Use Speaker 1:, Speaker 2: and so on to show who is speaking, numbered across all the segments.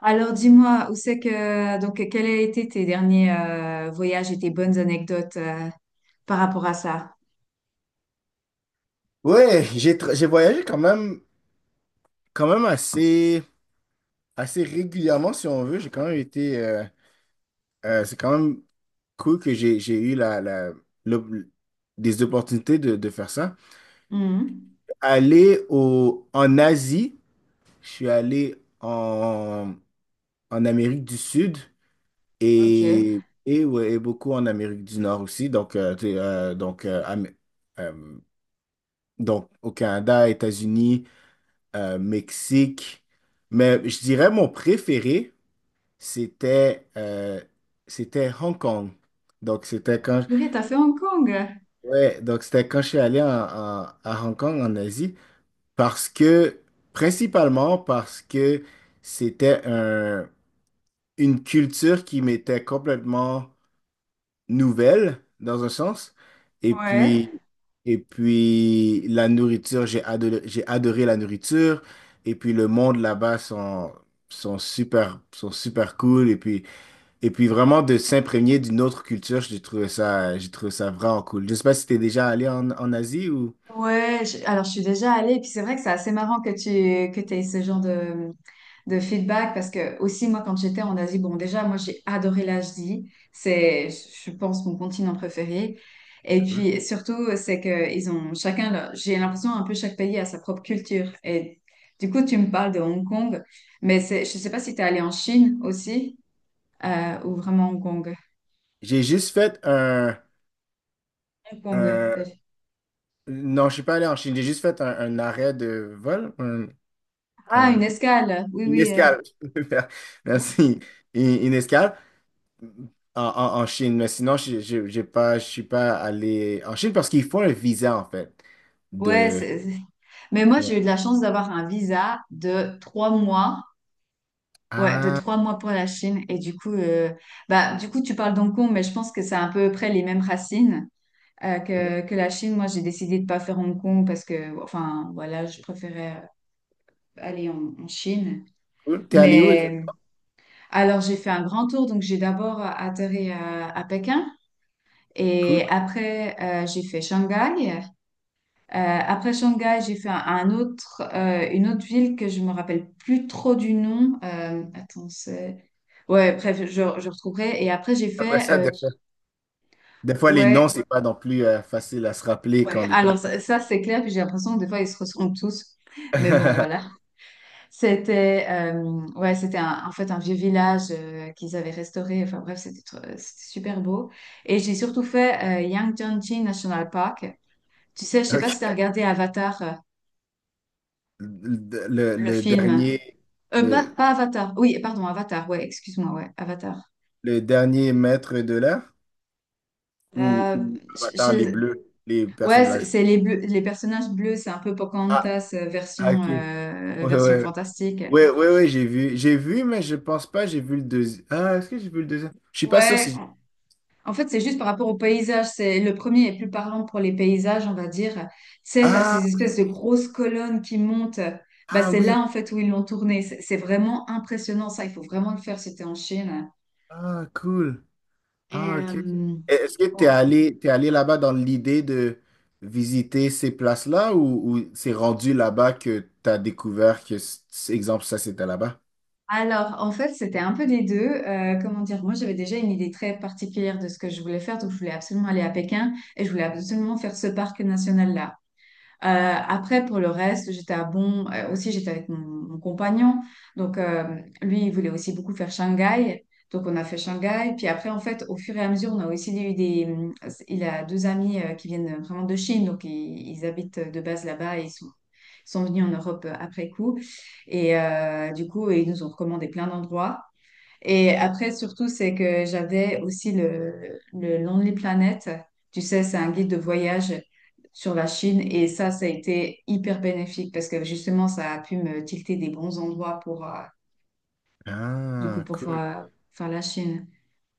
Speaker 1: Alors dis-moi, où c'est que donc quels a été tes derniers voyages et tes bonnes anecdotes par rapport à ça?
Speaker 2: Ouais, j'ai voyagé quand même assez, assez régulièrement, si on veut. J'ai quand même été. C'est quand même cool que j'ai eu le- des opportunités de faire ça.
Speaker 1: Mhm.
Speaker 2: Aller en Asie, je suis allé en Amérique du Sud
Speaker 1: Ok.
Speaker 2: et ouais, et beaucoup en Amérique du Nord aussi. Donc, euh, donc au Canada, États-Unis, Mexique. Mais je dirais mon préféré, c'était c'était Hong Kong. Donc c'était quand
Speaker 1: Purée, t'as fait Hong Kong?
Speaker 2: Ouais, donc c'était quand je suis allé à Hong Kong en Asie parce que principalement parce que c'était un- une culture qui m'était complètement nouvelle, dans un sens. Et
Speaker 1: Ouais.
Speaker 2: puis, et puis la nourriture, j'ai adoré la nourriture. Et puis, le monde là-bas sont, sont super cool. Et puis vraiment de s'imprégner d'une autre culture, j'ai trouvé ça vraiment cool. Je sais pas si t'es déjà allé en Asie ou...
Speaker 1: Ouais, alors je suis déjà allée, et puis c'est vrai que c'est assez marrant que tu que t'aies ce genre de feedback parce que aussi moi quand j'étais en Asie, bon déjà moi j'ai adoré l'Asie, c'est je pense mon continent préféré. Et
Speaker 2: Cool.
Speaker 1: puis surtout c'est que ils ont chacun j'ai l'impression un peu chaque pays a sa propre culture. Et du coup tu me parles de Hong Kong, mais c'est je sais pas si tu es allé en Chine aussi ou vraiment Hong Kong.
Speaker 2: J'ai juste fait
Speaker 1: Hong Kong.
Speaker 2: un- Non, je suis pas allé en Chine. J'ai juste fait un arrêt de vol,
Speaker 1: Ah une
Speaker 2: un-
Speaker 1: escale. Oui
Speaker 2: une
Speaker 1: oui.
Speaker 2: escale. Merci. Une escale. En Chine, mais sinon, je- j'ai pas, je suis pas allé en Chine parce qu'il faut un visa, en fait.
Speaker 1: Ouais,
Speaker 2: De...
Speaker 1: mais moi j'ai
Speaker 2: Ouais.
Speaker 1: eu de la chance d'avoir un visa de 3 mois. Ouais, de
Speaker 2: Ah,
Speaker 1: 3 mois pour la Chine. Et du coup, bah, du coup, tu parles d'Hong Kong, mais je pense que c'est à peu près les mêmes racines que la Chine. Moi, j'ai décidé de pas faire Hong Kong parce que, enfin, voilà, je préférais aller en, en Chine.
Speaker 2: cool. T'es allé où
Speaker 1: Mais
Speaker 2: exactement?
Speaker 1: alors, j'ai fait un grand tour. Donc, j'ai d'abord atterri à Pékin
Speaker 2: Cool.
Speaker 1: et après, j'ai fait Shanghai. Après Shanghai, j'ai fait un autre, une autre ville que je me rappelle plus trop du nom. Attends, c'est... Ouais, bref, je retrouverai. Et après, j'ai
Speaker 2: Après
Speaker 1: fait...
Speaker 2: ça, des fois, les noms,
Speaker 1: ouais,
Speaker 2: c'est pas non plus facile à se rappeler
Speaker 1: ouais.
Speaker 2: quand on est pas.
Speaker 1: Alors, ça, c'est clair. Puis j'ai l'impression que des fois, ils se ressemblent tous. Mais bon, voilà. C'était ouais, en fait un vieux village qu'ils avaient restauré. Enfin bref, c'était super beau. Et j'ai surtout fait Yangtze National Park. Tu sais, je sais pas
Speaker 2: OK.
Speaker 1: si tu as regardé Avatar, le
Speaker 2: Le
Speaker 1: film.
Speaker 2: dernier, le,
Speaker 1: Pas Avatar. Oui, pardon, Avatar. Ouais, excuse-moi. Ouais, Avatar.
Speaker 2: le dernier maître de l'air
Speaker 1: Euh,
Speaker 2: ou
Speaker 1: je-
Speaker 2: Avatar, les
Speaker 1: je-
Speaker 2: bleus, les
Speaker 1: Ouais,
Speaker 2: personnes blanches.
Speaker 1: c'est les personnages bleus. C'est un peu
Speaker 2: Ah,
Speaker 1: Pocahontas
Speaker 2: ah,
Speaker 1: version
Speaker 2: ok. Ouais,
Speaker 1: version
Speaker 2: ouais.
Speaker 1: fantastique.
Speaker 2: Oui, oui, oui, j'ai vu. J'ai vu, mais je pense pas, j'ai vu le deuxième. Ah, est-ce que j'ai vu le deuxième? Je suis pas sûr
Speaker 1: Ouais.
Speaker 2: si...
Speaker 1: En fait, c'est juste par rapport au paysage. C'est le premier est plus parlant pour les paysages, on va dire. C'est à
Speaker 2: Ah
Speaker 1: ces espèces de
Speaker 2: oui,
Speaker 1: grosses colonnes qui montent. Bah,
Speaker 2: ah
Speaker 1: c'est
Speaker 2: oui, oui.
Speaker 1: là en fait où ils l'ont tourné. C'est vraiment impressionnant ça. Il faut vraiment le faire. C'était en Chine.
Speaker 2: Ah, cool.
Speaker 1: Et
Speaker 2: Ah, ok, ok. Et est-ce que
Speaker 1: oh,
Speaker 2: t'es allé là-bas dans l'idée de visiter ces places-là, ou c'est rendu là-bas que t'as découvert que, exemple, ça, c'était là-bas?
Speaker 1: alors, en fait, c'était un peu des deux. Comment dire, moi, j'avais déjà une idée très particulière de ce que je voulais faire, donc je voulais absolument aller à Pékin et je voulais absolument faire ce parc national-là. Après, pour le reste, j'étais à Bon. Aussi, j'étais avec mon compagnon. Donc, lui, il voulait aussi beaucoup faire Shanghai. Donc, on a fait Shanghai. Puis après, en fait, au fur et à mesure, on a aussi eu des... Il a deux amis qui viennent vraiment de Chine. Donc, ils habitent de base là-bas et ils sont venus en Europe après coup. Et du coup, ils nous ont recommandé plein d'endroits. Et après, surtout, c'est que j'avais aussi le Lonely Planet. Tu sais, c'est un guide de voyage sur la Chine. Et ça a été hyper bénéfique parce que justement, ça a pu me tilter des bons endroits pour, du coup,
Speaker 2: Ah,
Speaker 1: pour
Speaker 2: cool.
Speaker 1: faire la Chine.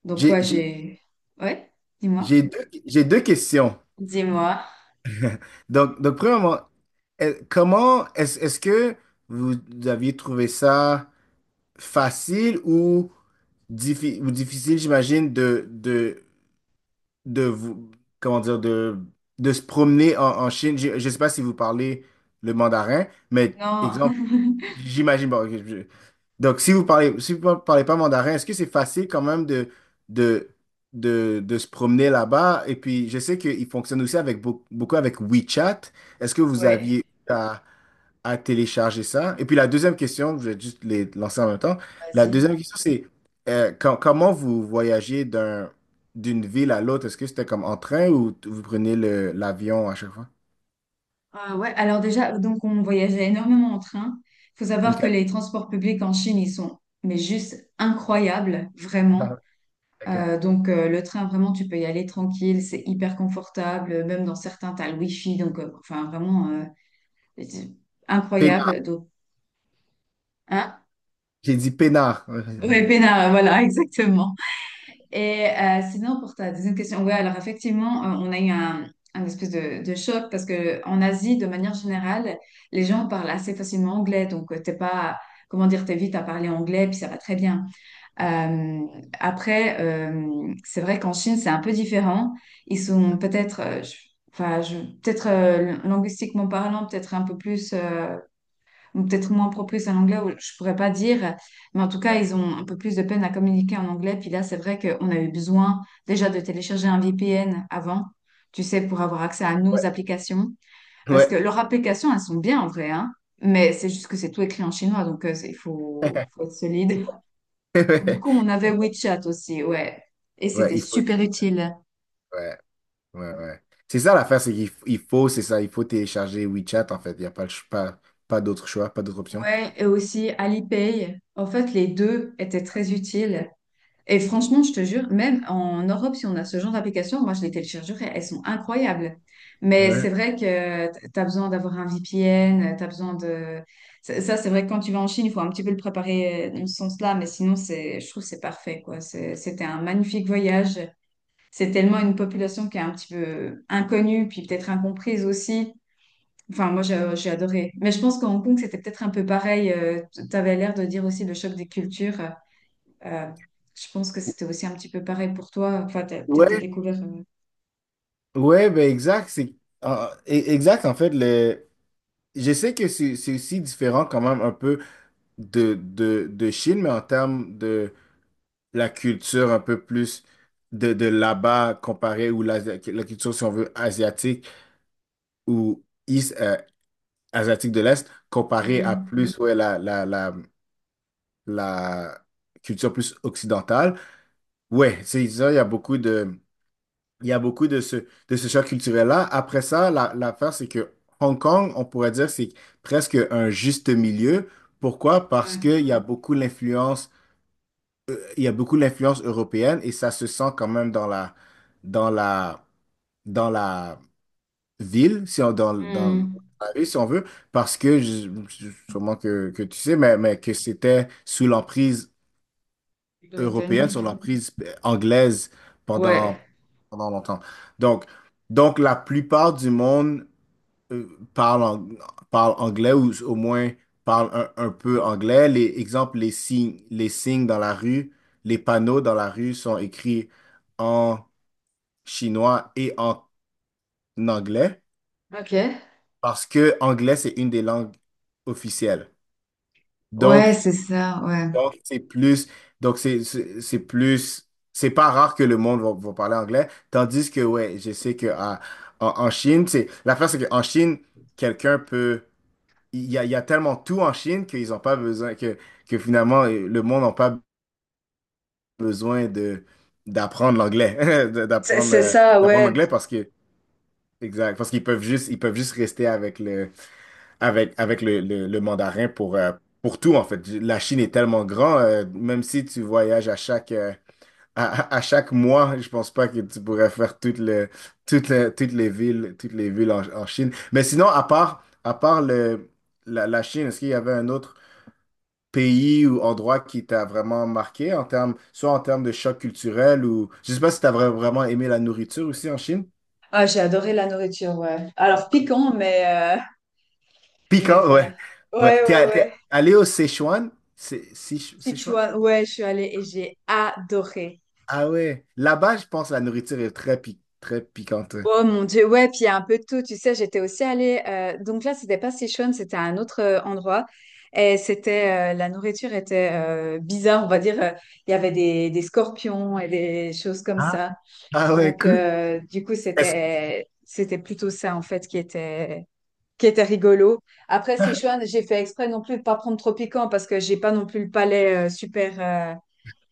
Speaker 1: Donc,
Speaker 2: J'ai,
Speaker 1: ouais,
Speaker 2: j'ai,
Speaker 1: j'ai... Ouais, dis-moi.
Speaker 2: j'ai deux, j'ai deux questions.
Speaker 1: Dis-moi.
Speaker 2: Donc premièrement, est-ce que vous aviez trouvé ça facile ou, ou difficile, j'imagine, de vous, comment dire, de se promener en Chine. Je ne sais pas si vous parlez le mandarin, mais
Speaker 1: Non,
Speaker 2: exemple, j'imagine pas. Ok, donc si vous parlez, si vous parlez pas mandarin, est-ce que c'est facile quand même de, de se promener là-bas? Et puis, je sais qu'ils fonctionnent aussi avec beaucoup avec WeChat. Est-ce que vous
Speaker 1: ouais,
Speaker 2: aviez à télécharger ça? Et puis, la deuxième question, je vais juste les lancer en même temps. La
Speaker 1: vas-y.
Speaker 2: deuxième question, c'est comment vous voyagez d'une ville à l'autre? Est-ce que c'était comme en train ou vous prenez le, l'avion à chaque fois?
Speaker 1: Ah ouais, alors déjà, donc on voyageait énormément en train. Il faut savoir
Speaker 2: OK.
Speaker 1: que les transports publics en Chine, ils sont mais juste incroyables, vraiment.
Speaker 2: OK.
Speaker 1: Le train, vraiment, tu peux y aller tranquille, c'est hyper confortable. Même dans certains, tu as le wifi, donc enfin vraiment c'est
Speaker 2: Pénard.
Speaker 1: incroyable. Donc, hein?
Speaker 2: J'ai dit Pénard.
Speaker 1: Ouais, peinard, voilà, exactement. Et sinon, pour ta deuxième question, ouais, alors effectivement, on a eu un espèce de choc parce que en Asie, de manière générale, les gens parlent assez facilement anglais, donc t'es pas, comment dire, t'es vite à parler anglais, puis ça va très bien. Euh, c'est vrai qu'en Chine, c'est un peu différent. Ils sont peut-être, peut-être linguistiquement parlant, peut-être un peu plus, ou peut-être moins propice à l'anglais, ou je pourrais pas dire. Mais en tout cas, ils ont un peu plus de peine à communiquer en anglais. Puis là, c'est vrai qu'on a eu besoin déjà de télécharger un VPN avant, tu sais, pour avoir accès à nos applications. Parce que
Speaker 2: Ouais.
Speaker 1: leurs applications, elles sont bien en vrai, hein. Mais c'est juste que c'est tout écrit en chinois, donc il faut, faut être solide. Beaucoup, on avait WeChat aussi, ouais. Et
Speaker 2: Ouais,
Speaker 1: c'était super utile.
Speaker 2: ouais, ouais, ouais. C'est ça l'affaire, c'est qu'il f- il faut, c'est ça, il faut télécharger WeChat en fait. Il n'y a pas, pas d'autre choix, pas d'autre option.
Speaker 1: Ouais, et aussi Alipay. En fait, les deux étaient très utiles. Et franchement, je te jure, même en Europe, si on a ce genre d'application, moi, je les téléchargerais, elles sont incroyables. Mais
Speaker 2: Ouais,
Speaker 1: c'est vrai que tu as besoin d'avoir un VPN, tu as besoin de... ça, c'est vrai que quand tu vas en Chine, il faut un petit peu le préparer dans ce sens-là, mais sinon, je trouve que c'est parfait, quoi. C'était un magnifique voyage. C'est tellement une population qui est un petit peu inconnue, puis peut-être incomprise aussi. Enfin, moi, j'ai adoré. Mais je pense qu'à Hong Kong, c'était peut-être un peu pareil. Tu avais l'air de dire aussi le choc des cultures. Euh, je pense que c'était aussi un petit peu pareil pour toi. Enfin, peut-être t'as
Speaker 2: ouais,
Speaker 1: découvert.
Speaker 2: ouais, ben exact. C'est, exact, en fait. Je sais que c'est aussi différent quand même un peu de Chine, mais en termes de la culture un peu plus de là-bas, comparé ou la culture, si on veut, asiatique ou asiatique de l'Est, comparé à
Speaker 1: Hmm.
Speaker 2: plus ouais, la culture plus occidentale. Ouais, c'est ça, il y a beaucoup de, il y a beaucoup de ce choc culturel-là. Après ça, l'affaire, c'est que Hong Kong, on pourrait dire, c'est presque un juste milieu. Pourquoi? Parce
Speaker 1: Ouais.
Speaker 2: qu'il y a beaucoup l'influence, il y a beaucoup l'influence européenne et ça se sent quand même dans la, dans la ville, si on, dans, dans
Speaker 1: Hmm.
Speaker 2: la rue, si on veut, parce que, sûrement que tu sais, mais que c'était sous l'emprise européenne, sous
Speaker 1: Britannique.
Speaker 2: l'emprise anglaise
Speaker 1: Ouais.
Speaker 2: pendant, pendant longtemps. Donc, donc la plupart du monde euh, parle, ang- parle anglais ou au moins parle un peu anglais. Les exemples, les signes dans la rue, les panneaux dans la rue sont écrits en chinois et en anglais.
Speaker 1: Ok.
Speaker 2: Parce que anglais, c'est une des langues officielles.
Speaker 1: Ouais,
Speaker 2: Donc,
Speaker 1: c'est ça, ouais.
Speaker 2: donc c'est plus, donc c'est plus, c'est pas rare que le monde va, va parler anglais. Tandis que, ouais, je sais que en Chine, c'est l'affaire, c'est qu'en Chine, quelqu'un peut, il y a tellement tout en Chine qu'ils n'ont pas besoin, que finalement, le monde n'a pas besoin de d'apprendre l'anglais,
Speaker 1: C'est ça,
Speaker 2: d'apprendre
Speaker 1: ouais.
Speaker 2: l'anglais parce que, exact, parce qu'ils peuvent juste, ils peuvent juste rester avec le avec, avec le mandarin pour tout, en fait. La Chine est tellement grand, même si tu voyages à chaque, à chaque mois, je pense pas que tu pourrais faire toutes les villes en Chine. Mais sinon, à part, la Chine, est-ce qu'il y avait un autre pays ou endroit qui t'a vraiment marqué en termes, soit en termes de choc culturel, ou je sais pas si t'as vraiment aimé la nourriture aussi en Chine?
Speaker 1: Ah, j'ai adoré la nourriture, ouais.
Speaker 2: Ouais,
Speaker 1: Alors
Speaker 2: cool.
Speaker 1: piquant, mais
Speaker 2: Piquant,
Speaker 1: voilà.
Speaker 2: ouais. Ouais.
Speaker 1: Ouais, ouais, ouais.
Speaker 2: T'es allé au Sichuan? C'est Sichuan?
Speaker 1: Sichuan, ouais, je suis allée et j'ai adoré.
Speaker 2: Ah ouais. Là-bas, je pense que la nourriture est très, très piquante.
Speaker 1: Oh mon Dieu, ouais, puis il y a un peu de tout, tu sais, j'étais aussi allée, donc là, c'était pas Sichuan, c'était un autre endroit, et c'était, la nourriture était bizarre, on va dire, il y avait des scorpions et des choses comme
Speaker 2: Ah,
Speaker 1: ça,
Speaker 2: ah ouais,
Speaker 1: donc
Speaker 2: cool.
Speaker 1: du coup,
Speaker 2: Est-ce...
Speaker 1: c'était plutôt ça, en fait, qui était rigolo. Après Sichuan, j'ai fait exprès non plus de pas prendre trop piquant, parce que j'ai pas non plus le palais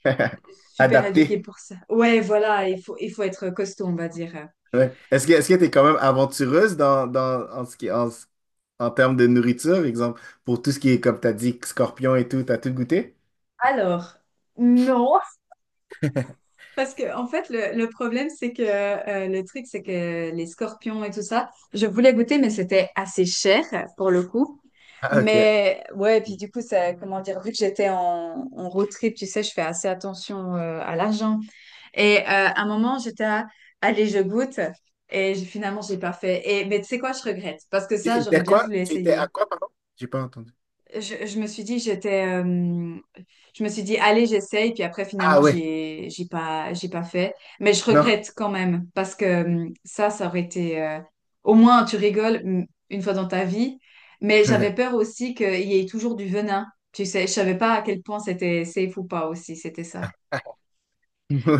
Speaker 1: super éduqué
Speaker 2: Adapté.
Speaker 1: pour ça. Ouais, voilà, il faut être costaud, on va dire.
Speaker 2: Ouais. Est-ce que t'es quand même aventureuse dans, dans en ce qui en, ce- en termes de nourriture, exemple, pour tout ce qui est, comme t'as dit, scorpion et tout, t'as tout goûté?
Speaker 1: Alors... non, parce que, en fait, le problème, c'est que le truc, c'est que les scorpions et tout ça, je voulais goûter, mais c'était assez cher pour le coup.
Speaker 2: Ah ok.
Speaker 1: Mais ouais, puis du coup, ça, comment dire, vu que j'étais en, en road trip, tu sais, je fais assez attention à l'argent. Et à un moment, j'étais à, allez, je goûte. Et finalement, j'ai pas fait. Et, mais tu sais quoi, je regrette. Parce que
Speaker 2: Tu
Speaker 1: ça, j'aurais
Speaker 2: étais
Speaker 1: bien
Speaker 2: quoi?
Speaker 1: voulu
Speaker 2: Tu étais à
Speaker 1: essayer.
Speaker 2: quoi, pardon? J'ai pas entendu.
Speaker 1: Je me suis dit, j'étais, je me suis dit, allez, j'essaye. Puis après,
Speaker 2: Ah
Speaker 1: finalement,
Speaker 2: ouais.
Speaker 1: j'ai pas fait. Mais je
Speaker 2: Non.
Speaker 1: regrette quand même parce que ça, ça aurait été. Au moins, tu rigoles mm, une fois dans ta vie. Mais j'avais peur aussi qu'il y ait toujours du venin. Tu sais, je savais pas à quel point c'était safe ou pas aussi. C'était ça.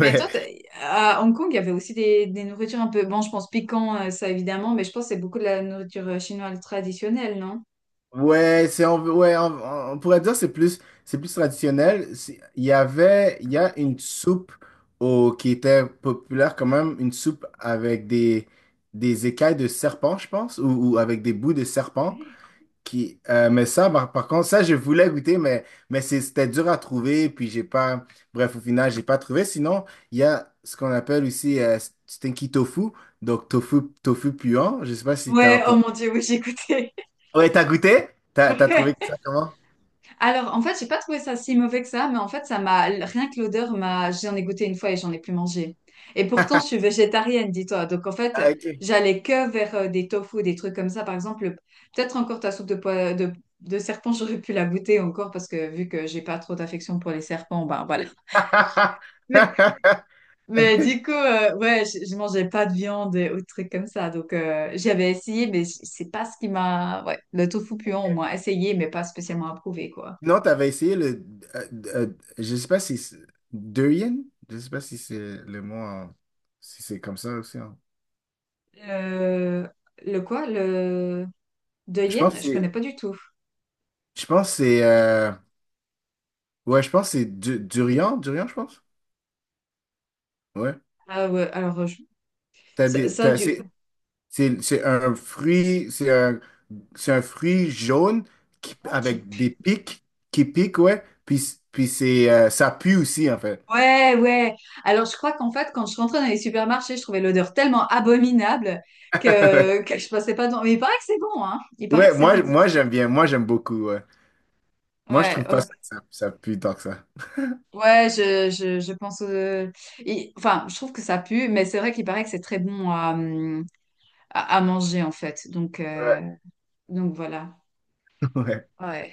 Speaker 1: Mais toi, à Hong Kong, il y avait aussi des nourritures un peu. Bon, je pense piquant, ça évidemment, mais je pense que c'est beaucoup de la nourriture chinoise traditionnelle, non?
Speaker 2: Ouais, ouais, on pourrait dire que c'est plus traditionnel. C'est- il y avait il y a une soupe qui était populaire quand même, une soupe avec des écailles de serpent, je pense, ou avec des bouts de serpent. Qui, mais ça, par, par contre, ça je voulais goûter, mais c'était dur à trouver, puis j'ai pas, bref, au final j'ai pas trouvé. Sinon, il y a ce qu'on appelle aussi stinky tofu, donc tofu puant. Je sais pas si t'as
Speaker 1: Ouais, oh
Speaker 2: entendu.
Speaker 1: mon Dieu, oui, j'ai écouté.
Speaker 2: Ouais, t'as goûté? T'as trouvé ça comment?
Speaker 1: Alors, en fait, j'ai pas trouvé ça si mauvais que ça, mais en fait, ça m'a rien que l'odeur m'a. J'en ai goûté une fois et j'en ai plus mangé. Et pourtant, je suis végétarienne, dis-toi. Donc, en fait,
Speaker 2: Ah, ok.
Speaker 1: j'allais que vers des tofu, des trucs comme ça. Par exemple, peut-être encore ta soupe de serpent, j'aurais pu la goûter encore parce que vu que j'ai pas trop d'affection pour les serpents, ben voilà. Mais, mais du coup, ouais, je mangeais pas de viande et autres trucs comme ça. Donc, j'avais essayé, mais c'est pas ce qui m'a. Ouais, le tofu puant, au moins essayé, mais pas spécialement approuvé, quoi.
Speaker 2: Sinon, tu avais essayé le, euh, euh, je sais pas si durian? Je sais pas si c'est le mot, si c'est comme ça aussi,
Speaker 1: Le, le quoi? Le de
Speaker 2: je pense que
Speaker 1: Yen? Je connais
Speaker 2: c'est,
Speaker 1: pas du tout.
Speaker 2: Je pense que c'est. euh, ouais, je pense que c'est du durian. Durian, je pense. Ouais.
Speaker 1: Ah ouais, ça, ça,
Speaker 2: C'est
Speaker 1: du.
Speaker 2: c'est un fruit. C'est un fruit jaune qui-
Speaker 1: Oh, qui
Speaker 2: avec des
Speaker 1: pue.
Speaker 2: pics qui piquent, ouais. Puis, puis c'est, ça pue aussi, en fait.
Speaker 1: Ouais, ouais. Alors je crois qu'en fait, quand je rentrais dans les supermarchés, je trouvais l'odeur tellement abominable que je passais pas dans. Mais il paraît que c'est bon, hein. Il paraît que
Speaker 2: Ouais,
Speaker 1: c'est
Speaker 2: moi,
Speaker 1: bon.
Speaker 2: moi j'aime bien, moi j'aime beaucoup, ouais. Moi je
Speaker 1: Ouais,
Speaker 2: trouve pas ça
Speaker 1: ok.
Speaker 2: que ça pue tant que ça.
Speaker 1: Ouais, je pense. Enfin, je trouve que ça pue, mais c'est vrai qu'il paraît que c'est très bon à, à manger en fait.
Speaker 2: Ouais,
Speaker 1: Donc voilà.
Speaker 2: ouais.
Speaker 1: Ouais.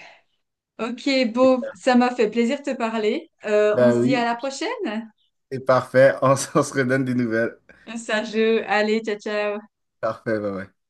Speaker 1: Ok, Beau, ça m'a fait plaisir de te parler. On
Speaker 2: Ben
Speaker 1: se dit à
Speaker 2: oui,
Speaker 1: la prochaine.
Speaker 2: c'est parfait, on, on se redonne des nouvelles.
Speaker 1: Sergio, allez, ciao, ciao.
Speaker 2: Parfait, ouais, ouais.